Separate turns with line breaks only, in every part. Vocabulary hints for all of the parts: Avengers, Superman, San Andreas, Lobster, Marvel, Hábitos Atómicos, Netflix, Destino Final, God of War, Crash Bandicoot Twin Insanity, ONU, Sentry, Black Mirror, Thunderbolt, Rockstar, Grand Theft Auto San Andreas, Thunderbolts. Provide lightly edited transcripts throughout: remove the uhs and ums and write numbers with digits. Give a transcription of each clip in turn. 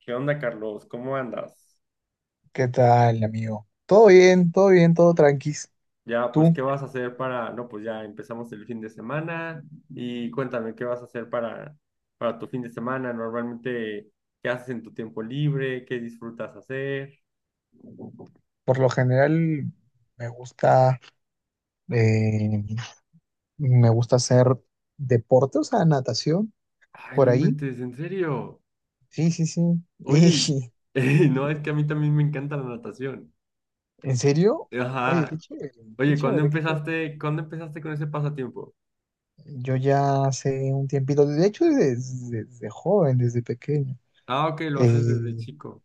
¿Qué onda, Carlos? ¿Cómo andas?
¿Qué tal, amigo? Todo bien, todo bien, todo tranquis.
Ya, pues,
Tú,
¿qué vas a hacer para...? No, pues ya empezamos el fin de semana y cuéntame, ¿qué vas a hacer para tu fin de semana? Normalmente, ¿qué haces en tu tiempo libre? ¿Qué disfrutas hacer?
por lo general, me gusta, eh, me gusta hacer deporte, o sea, natación,
Ay, no
por ahí.
inventes, en serio.
Sí, sí, sí.
Oye, no, es
Y,
que a mí también me encanta la natación.
¿en serio? Oye, qué
Ajá.
chévere, qué
Oye, ¿cuándo
chévere, qué chévere.
empezaste, ¿cuándo empezaste con ese pasatiempo?
Yo ya hace un tiempito, de hecho, desde joven, desde pequeño.
Ah, ok, lo haces desde
eh,
chico.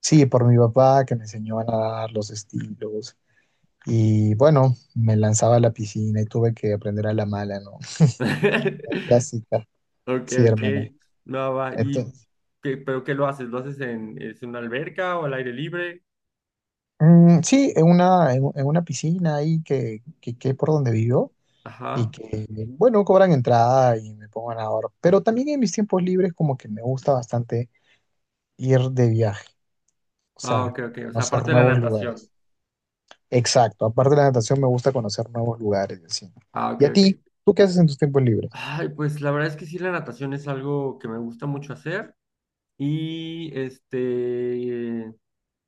sí, por mi papá que me enseñó a nadar los estilos. Y bueno, me lanzaba a la piscina y tuve que aprender a la mala, ¿no? La clásica,
Ok,
sí,
ok.
hermana.
No, va. ¿Y
Entonces,
qué lo haces? ¿Lo haces en, es en una alberca o al aire libre?
mm, sí, en una, en una piscina ahí que por donde vivo y
Ajá.
que, bueno, cobran entrada y me pongo a nadar. Pero también en mis tiempos libres como que me gusta bastante ir de viaje, o
Ah,
sea,
ok, ok. O sea,
conocer
aparte de la
nuevos
natación.
lugares. Exacto, aparte de la natación me gusta conocer nuevos lugares, y así.
Ah, ok,
¿Y a
ok.
ti? ¿Tú qué haces en tus tiempos libres?
Ay, pues la verdad es que sí, la natación es algo que me gusta mucho hacer. Y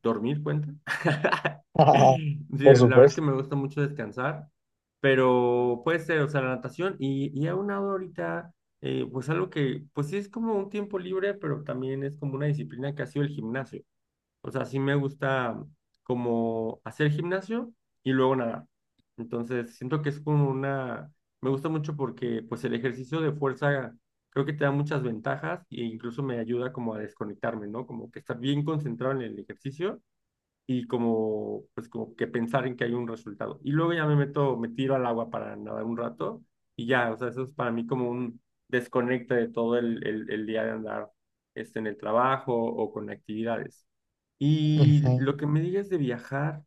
dormir cuenta. Sí, la
Por
verdad es que
supuesto.
me gusta mucho descansar, pero puede ser, o sea, la natación y a una hora ahorita, pues algo que, pues sí es como un tiempo libre, pero también es como una disciplina que ha sido el gimnasio. O sea, sí me gusta como hacer gimnasio y luego nadar. Entonces, siento que es como una, me gusta mucho porque pues el ejercicio de fuerza creo que te da muchas ventajas e incluso me ayuda como a desconectarme, ¿no? Como que estar bien concentrado en el ejercicio y como, pues como que pensar en que hay un resultado. Y luego ya me meto, me tiro al agua para nadar un rato y ya, o sea, eso es para mí como un desconecte de todo el día de andar en el trabajo o con actividades. Y lo que me digas de viajar,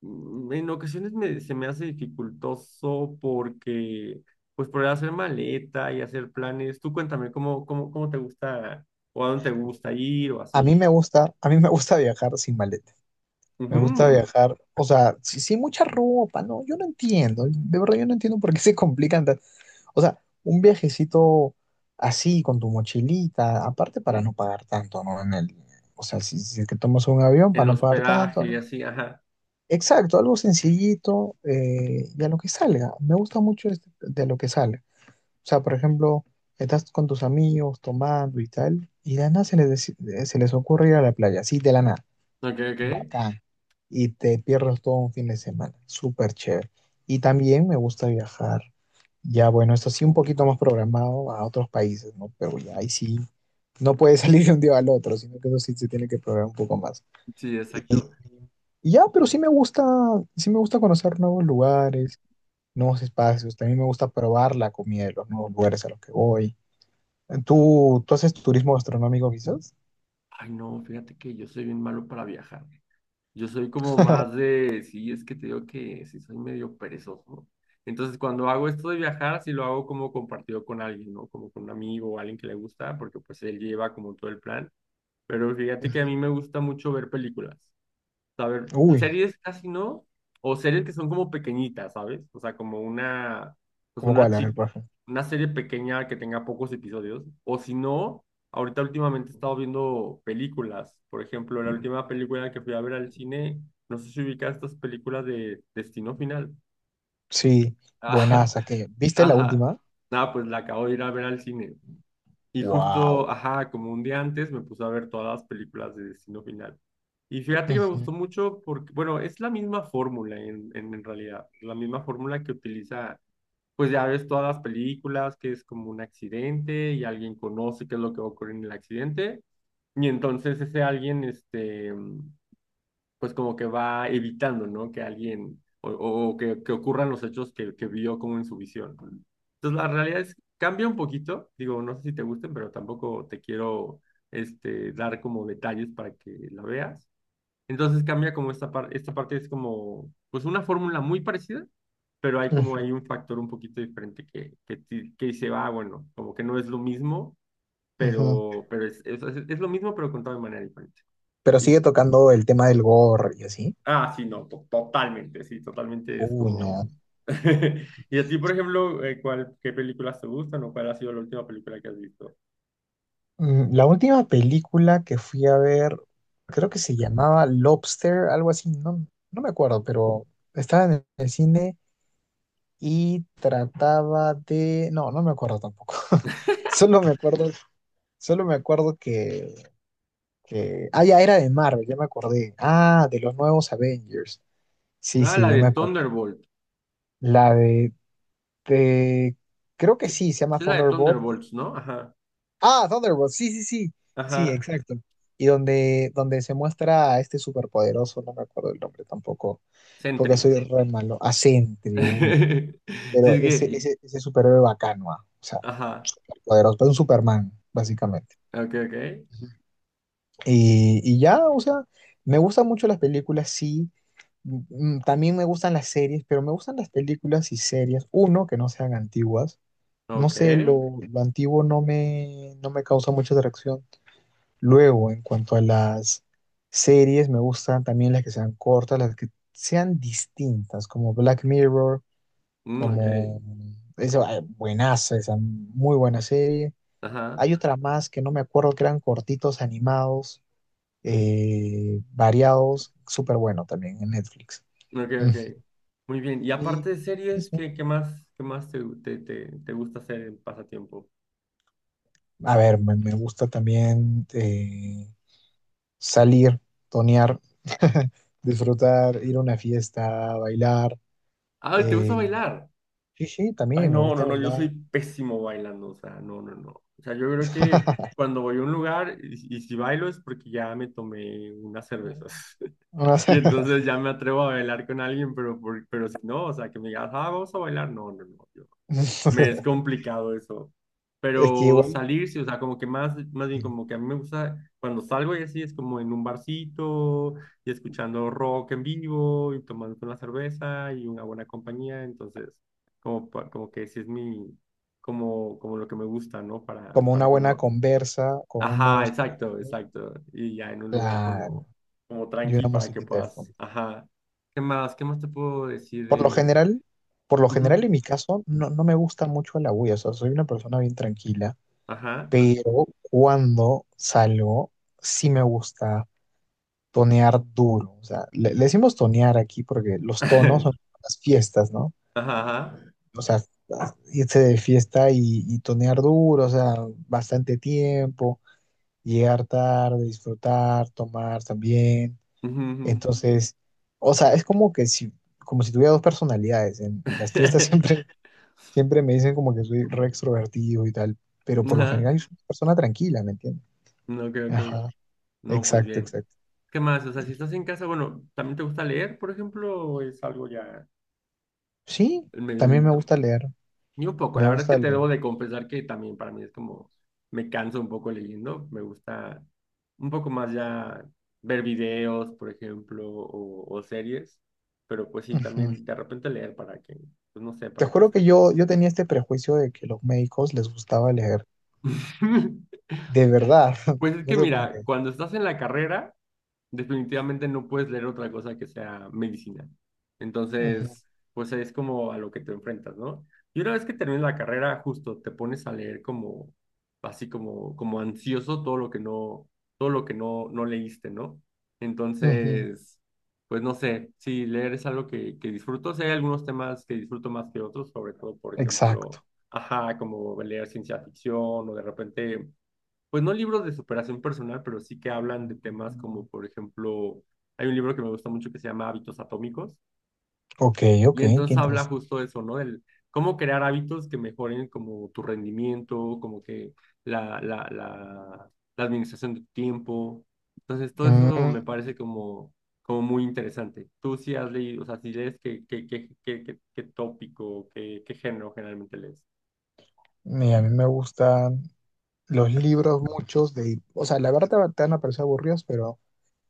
en ocasiones me, se me hace dificultoso porque, pues por hacer maleta y hacer planes, tú cuéntame cómo te gusta o a dónde te gusta ir o
A mí
así.
me gusta, a mí me gusta viajar sin maleta. Me
Ujú.
gusta viajar, o sea, sí, sí, mucha ropa, no, yo no entiendo, de verdad yo no entiendo por qué se complican tan- O sea, un viajecito así con tu mochilita, aparte para no pagar tanto, ¿no? En el, o sea, si, si es que tomas un avión para
En
no pagar
hospedaje
tanto, ¿no?
y así, ajá.
Exacto, algo sencillito y a lo que salga. Me gusta mucho este- de lo que sale. O sea, por ejemplo, estás con tus amigos tomando y tal, y de la nada se les, deci- se les ocurre ir a la playa, así de la nada
Ok, ok.
bacán y te pierdas todo un fin de semana. Súper chévere. Y también me gusta viajar, ya bueno, esto sí un poquito más programado a otros países, ¿no? Pero ya ahí sí, no puede salir de un día al otro, sino que eso sí se tiene que programar un poco más.
Sí,
Y,
exacto.
y ya, pero sí me gusta conocer nuevos lugares, nuevos espacios. También me gusta probar la comida de los nuevos lugares a los que voy. ¿Tú, tú haces turismo gastronómico quizás?
Ay, no, fíjate que yo soy bien malo para viajar. Yo soy como más de, sí, es que te digo que sí soy medio perezoso. Entonces, cuando hago esto de viajar, sí lo hago como compartido con alguien, ¿no? Como con un amigo o alguien que le gusta, porque pues él lleva como todo el plan. Pero fíjate que a
Ujú.
mí me gusta mucho ver películas. A
Uy,
series casi no, o series que son como pequeñitas, ¿sabes? O sea, como una, pues
¿cómo
una
cuál? A ver,
chi-
por ejemplo.
una serie pequeña que tenga pocos episodios. O si no, ahorita últimamente he estado viendo películas. Por ejemplo, la última película que fui a ver al cine, no sé si ubicas estas películas de Destino Final.
Sí,
Ajá,
buenaza, ¿que viste la
ajá.
última?
Ah, pues la acabo de ir a ver al cine. Y justo,
Wow.
ajá, como un día antes me puse a ver todas las películas de Destino Final. Y fíjate que me
Ujú,
gustó mucho porque, bueno, es la misma fórmula en realidad, la misma fórmula que utiliza, pues ya ves todas las películas, que es como un accidente y alguien conoce qué es lo que ocurre en el accidente. Y entonces ese alguien, pues como que va evitando, ¿no? Que alguien o que ocurran los hechos que vio como en su visión. Entonces la realidad es, cambia un poquito, digo, no sé si te gusten, pero tampoco te quiero dar como detalles para que la veas. Entonces cambia como esta parte es como, pues una fórmula muy parecida, pero hay
ujú,
un factor un poquito diferente que dice, ah, bueno, como que no es lo mismo,
ujú.
pero es es lo mismo, pero contado de manera diferente.
Pero
¿Y
sigue tocando el tema del gore y así.
Ah, sí, no, totalmente, sí, totalmente es
Uy, no.
como... ¿Y a ti, por ejemplo, qué películas te gustan o cuál ha sido la última película que has visto?
Mm, la última película que fui a ver, creo que se llamaba Lobster, algo así, no, no me acuerdo, pero estaba en el cine y trataba de... No, no me acuerdo tampoco. Solo me acuerdo, solo me acuerdo que... Ah, ya era de Marvel, ya me acordé. Ah, de los nuevos Avengers. Sí,
Ah,
sí,
la
ya
de
me acordé.
Thunderbolt.
La de- Creo que
Sí,
sí, se llama
sí es la de
Thunderbolt.
Thunderbolts, ¿no? Ajá,
Ah, Thunderbolt, sí, sí, sí. Sí,
ajá.
exacto. Y donde se muestra a este superpoderoso, no me acuerdo el nombre tampoco, porque
Sentry.
soy re malo. A Sentry, uy.
Sí,
Pero
es que,
ese superhéroe bacano, ah, o sea,
ajá.
poderoso, pero un Superman, básicamente.
Ok, ok.
Y ya, o sea, me gustan mucho las películas, sí. Mm, mm, también me gustan las series, pero me gustan las películas y series, uno, que no sean antiguas. No
Ok.
sé, lo antiguo no me, no me causa mucha atracción. Luego, en cuanto a las series, me gustan también las que sean cortas, las que sean distintas, como Black Mirror,
Mm, ok.
como... Eso, ah, buenaza, esa muy buena serie.
Ajá.
Hay otra más que no me acuerdo, que eran cortitos, animados, variados, súper bueno también en Netflix.
Ok,
Mm.
ok. Muy bien. Y
Y
aparte de series,
eso.
¿qué más te gusta hacer en pasatiempo?
A ver, me gusta también. Salir, tonear, disfrutar, ir a una fiesta, bailar.
Ah, ¿te gusta
eh,
bailar?
sí, sí,
Ay,
también me
no, no,
gusta
no, yo soy
bailar.
pésimo bailando, o sea, no, no, no. O sea, yo creo que cuando voy a un lugar y si bailo es porque ya me tomé unas cervezas.
No no
Y
sé.
entonces ya me atrevo a bailar con alguien, pero si no, o sea, que me digas, ah, vamos a bailar, no, no, no. Me es complicado eso.
Es que
Pero
igual,
salir, sí, o sea, como que más, más bien como que a mí me gusta, cuando salgo y así es como en un barcito y escuchando rock en vivo y tomando una cerveza y una buena compañía. Entonces, como que sí es mi, como, como lo que me gusta, ¿no?
como una
Para
buena
cuando...
conversa, con
Ajá,
unos
exacto,
traguitos,
exacto. Y ya en un lugar
claro,
como, como
y una
tranqui para que
musiquita de fondo.
puedas, ajá. ¿Qué más? ¿Qué más te puedo decir
Por lo
de...
general, por lo
Ujú.
general en mi caso, no, no me gusta mucho la bulla, o sea, soy una persona bien tranquila,
Ajá.
pero cuando salgo, sí me gusta tonear duro. O sea, le decimos tonear aquí porque los tonos son las fiestas, ¿no?
Ajá, ajá.
O sea, irse de fiesta y tonear duro, o sea, bastante tiempo, llegar tarde, disfrutar, tomar también.
Ujú, ujú.
Entonces, o sea, es como que si, como si tuviera dos personalidades. En las fiestas siempre, siempre me dicen como que soy re extrovertido y tal, pero por lo
Ajá.
general soy una persona tranquila, ¿me entiendes?
No, creo que.
Ajá,
No, pues
exacto,
bien.
exacto.
¿Qué más? O sea, si estás en casa, bueno, ¿también te gusta leer, por ejemplo, o es algo ya
Sí,
medio
también me
lento?
gusta leer,
Ni un poco.
me
La verdad es
gusta
que te
leer.
debo de confesar que también para mí es como, me canso un poco leyendo. Me gusta un poco más ya ver videos, por ejemplo, o series. Pero pues sí,
Ujú.
también de repente leer para que, pues no sé,
Te
para que
juro que
estés.
yo tenía este prejuicio de que los médicos les gustaba leer. De verdad,
Pues es
no
que
sé por
mira,
qué.
cuando estás en la carrera, definitivamente no puedes leer otra cosa que sea medicina.
Ujú,
Entonces, pues es como a lo que te enfrentas, ¿no? Y una vez que terminas la carrera, justo te pones a leer como, así como, como ansioso todo lo que no, todo lo que no, no leíste, ¿no?
ujú.
Entonces, pues no sé, sí, leer es algo que disfruto. Sí, hay algunos temas que disfruto más que otros, sobre todo, por ejemplo,
Exacto.
ajá, como leer ciencia ficción o de repente pues no libros de superación personal, pero sí que hablan de temas como, por ejemplo, hay un libro que me gusta mucho que se llama Hábitos Atómicos,
Ok, ok,
y
qué
entonces habla
interesante.
justo de eso, ¿no? Del cómo crear hábitos que mejoren como tu rendimiento, como que la, la, la, la administración de tu tiempo. Entonces, todo eso me
Mm,
parece como, como muy interesante. Tú sí has leído, o sea, si lees, ¿qué, qué, qué, qué, qué, qué tópico, qué, qué género generalmente lees?
mira, a mí me gustan los libros muchos de... O sea, la verdad te van a parecer aburridos, pero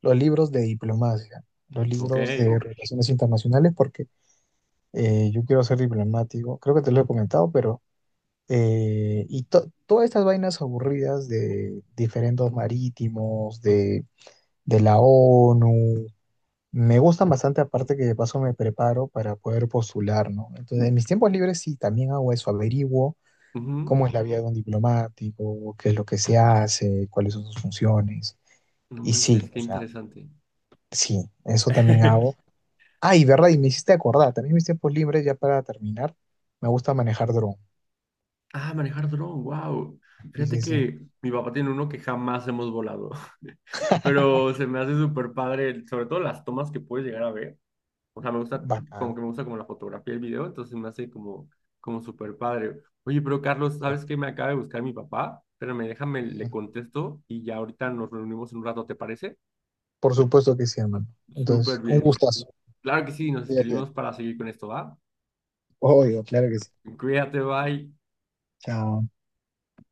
los libros de diplomacia, los
Ok.
libros de relaciones internacionales, porque yo quiero ser diplomático. Creo que te lo he comentado, pero eh, y to- todas estas vainas aburridas de diferendos marítimos, de la ONU, me gustan bastante, aparte que de paso me preparo para poder postular, ¿no? Entonces, en mis tiempos libres sí, también hago eso, averiguo
Ujú.
cómo es la vida de un diplomático, qué es lo que se hace, cuáles son sus funciones.
No
Y sí,
manches, qué
o sea,
interesante.
sí, eso también hago. Ah, y verdad, y me hiciste acordar, también en mis tiempos libres, ya para terminar, me gusta manejar dron.
Ah, manejar dron, wow.
Sí,
Fíjate
sí, sí,
que mi papá tiene uno que jamás hemos volado, pero se me hace súper padre, sobre todo las tomas que puedes llegar a ver. O sea, me gusta,
bacán.
como que me gusta como la fotografía y el video, entonces me hace como, como súper padre. Oye, pero Carlos, ¿sabes qué?
Exacto.
Me acaba de buscar mi papá. Espérame, déjame, le contesto y ya ahorita nos reunimos en un rato, ¿te parece?
Por supuesto que sí, hermano.
Súper
Entonces, un
bien.
gustazo.
Claro que sí, nos
Cuídate.
escribimos para seguir con esto, ¿va?
Obvio, claro que sí.
Cuídate, bye.
Chao.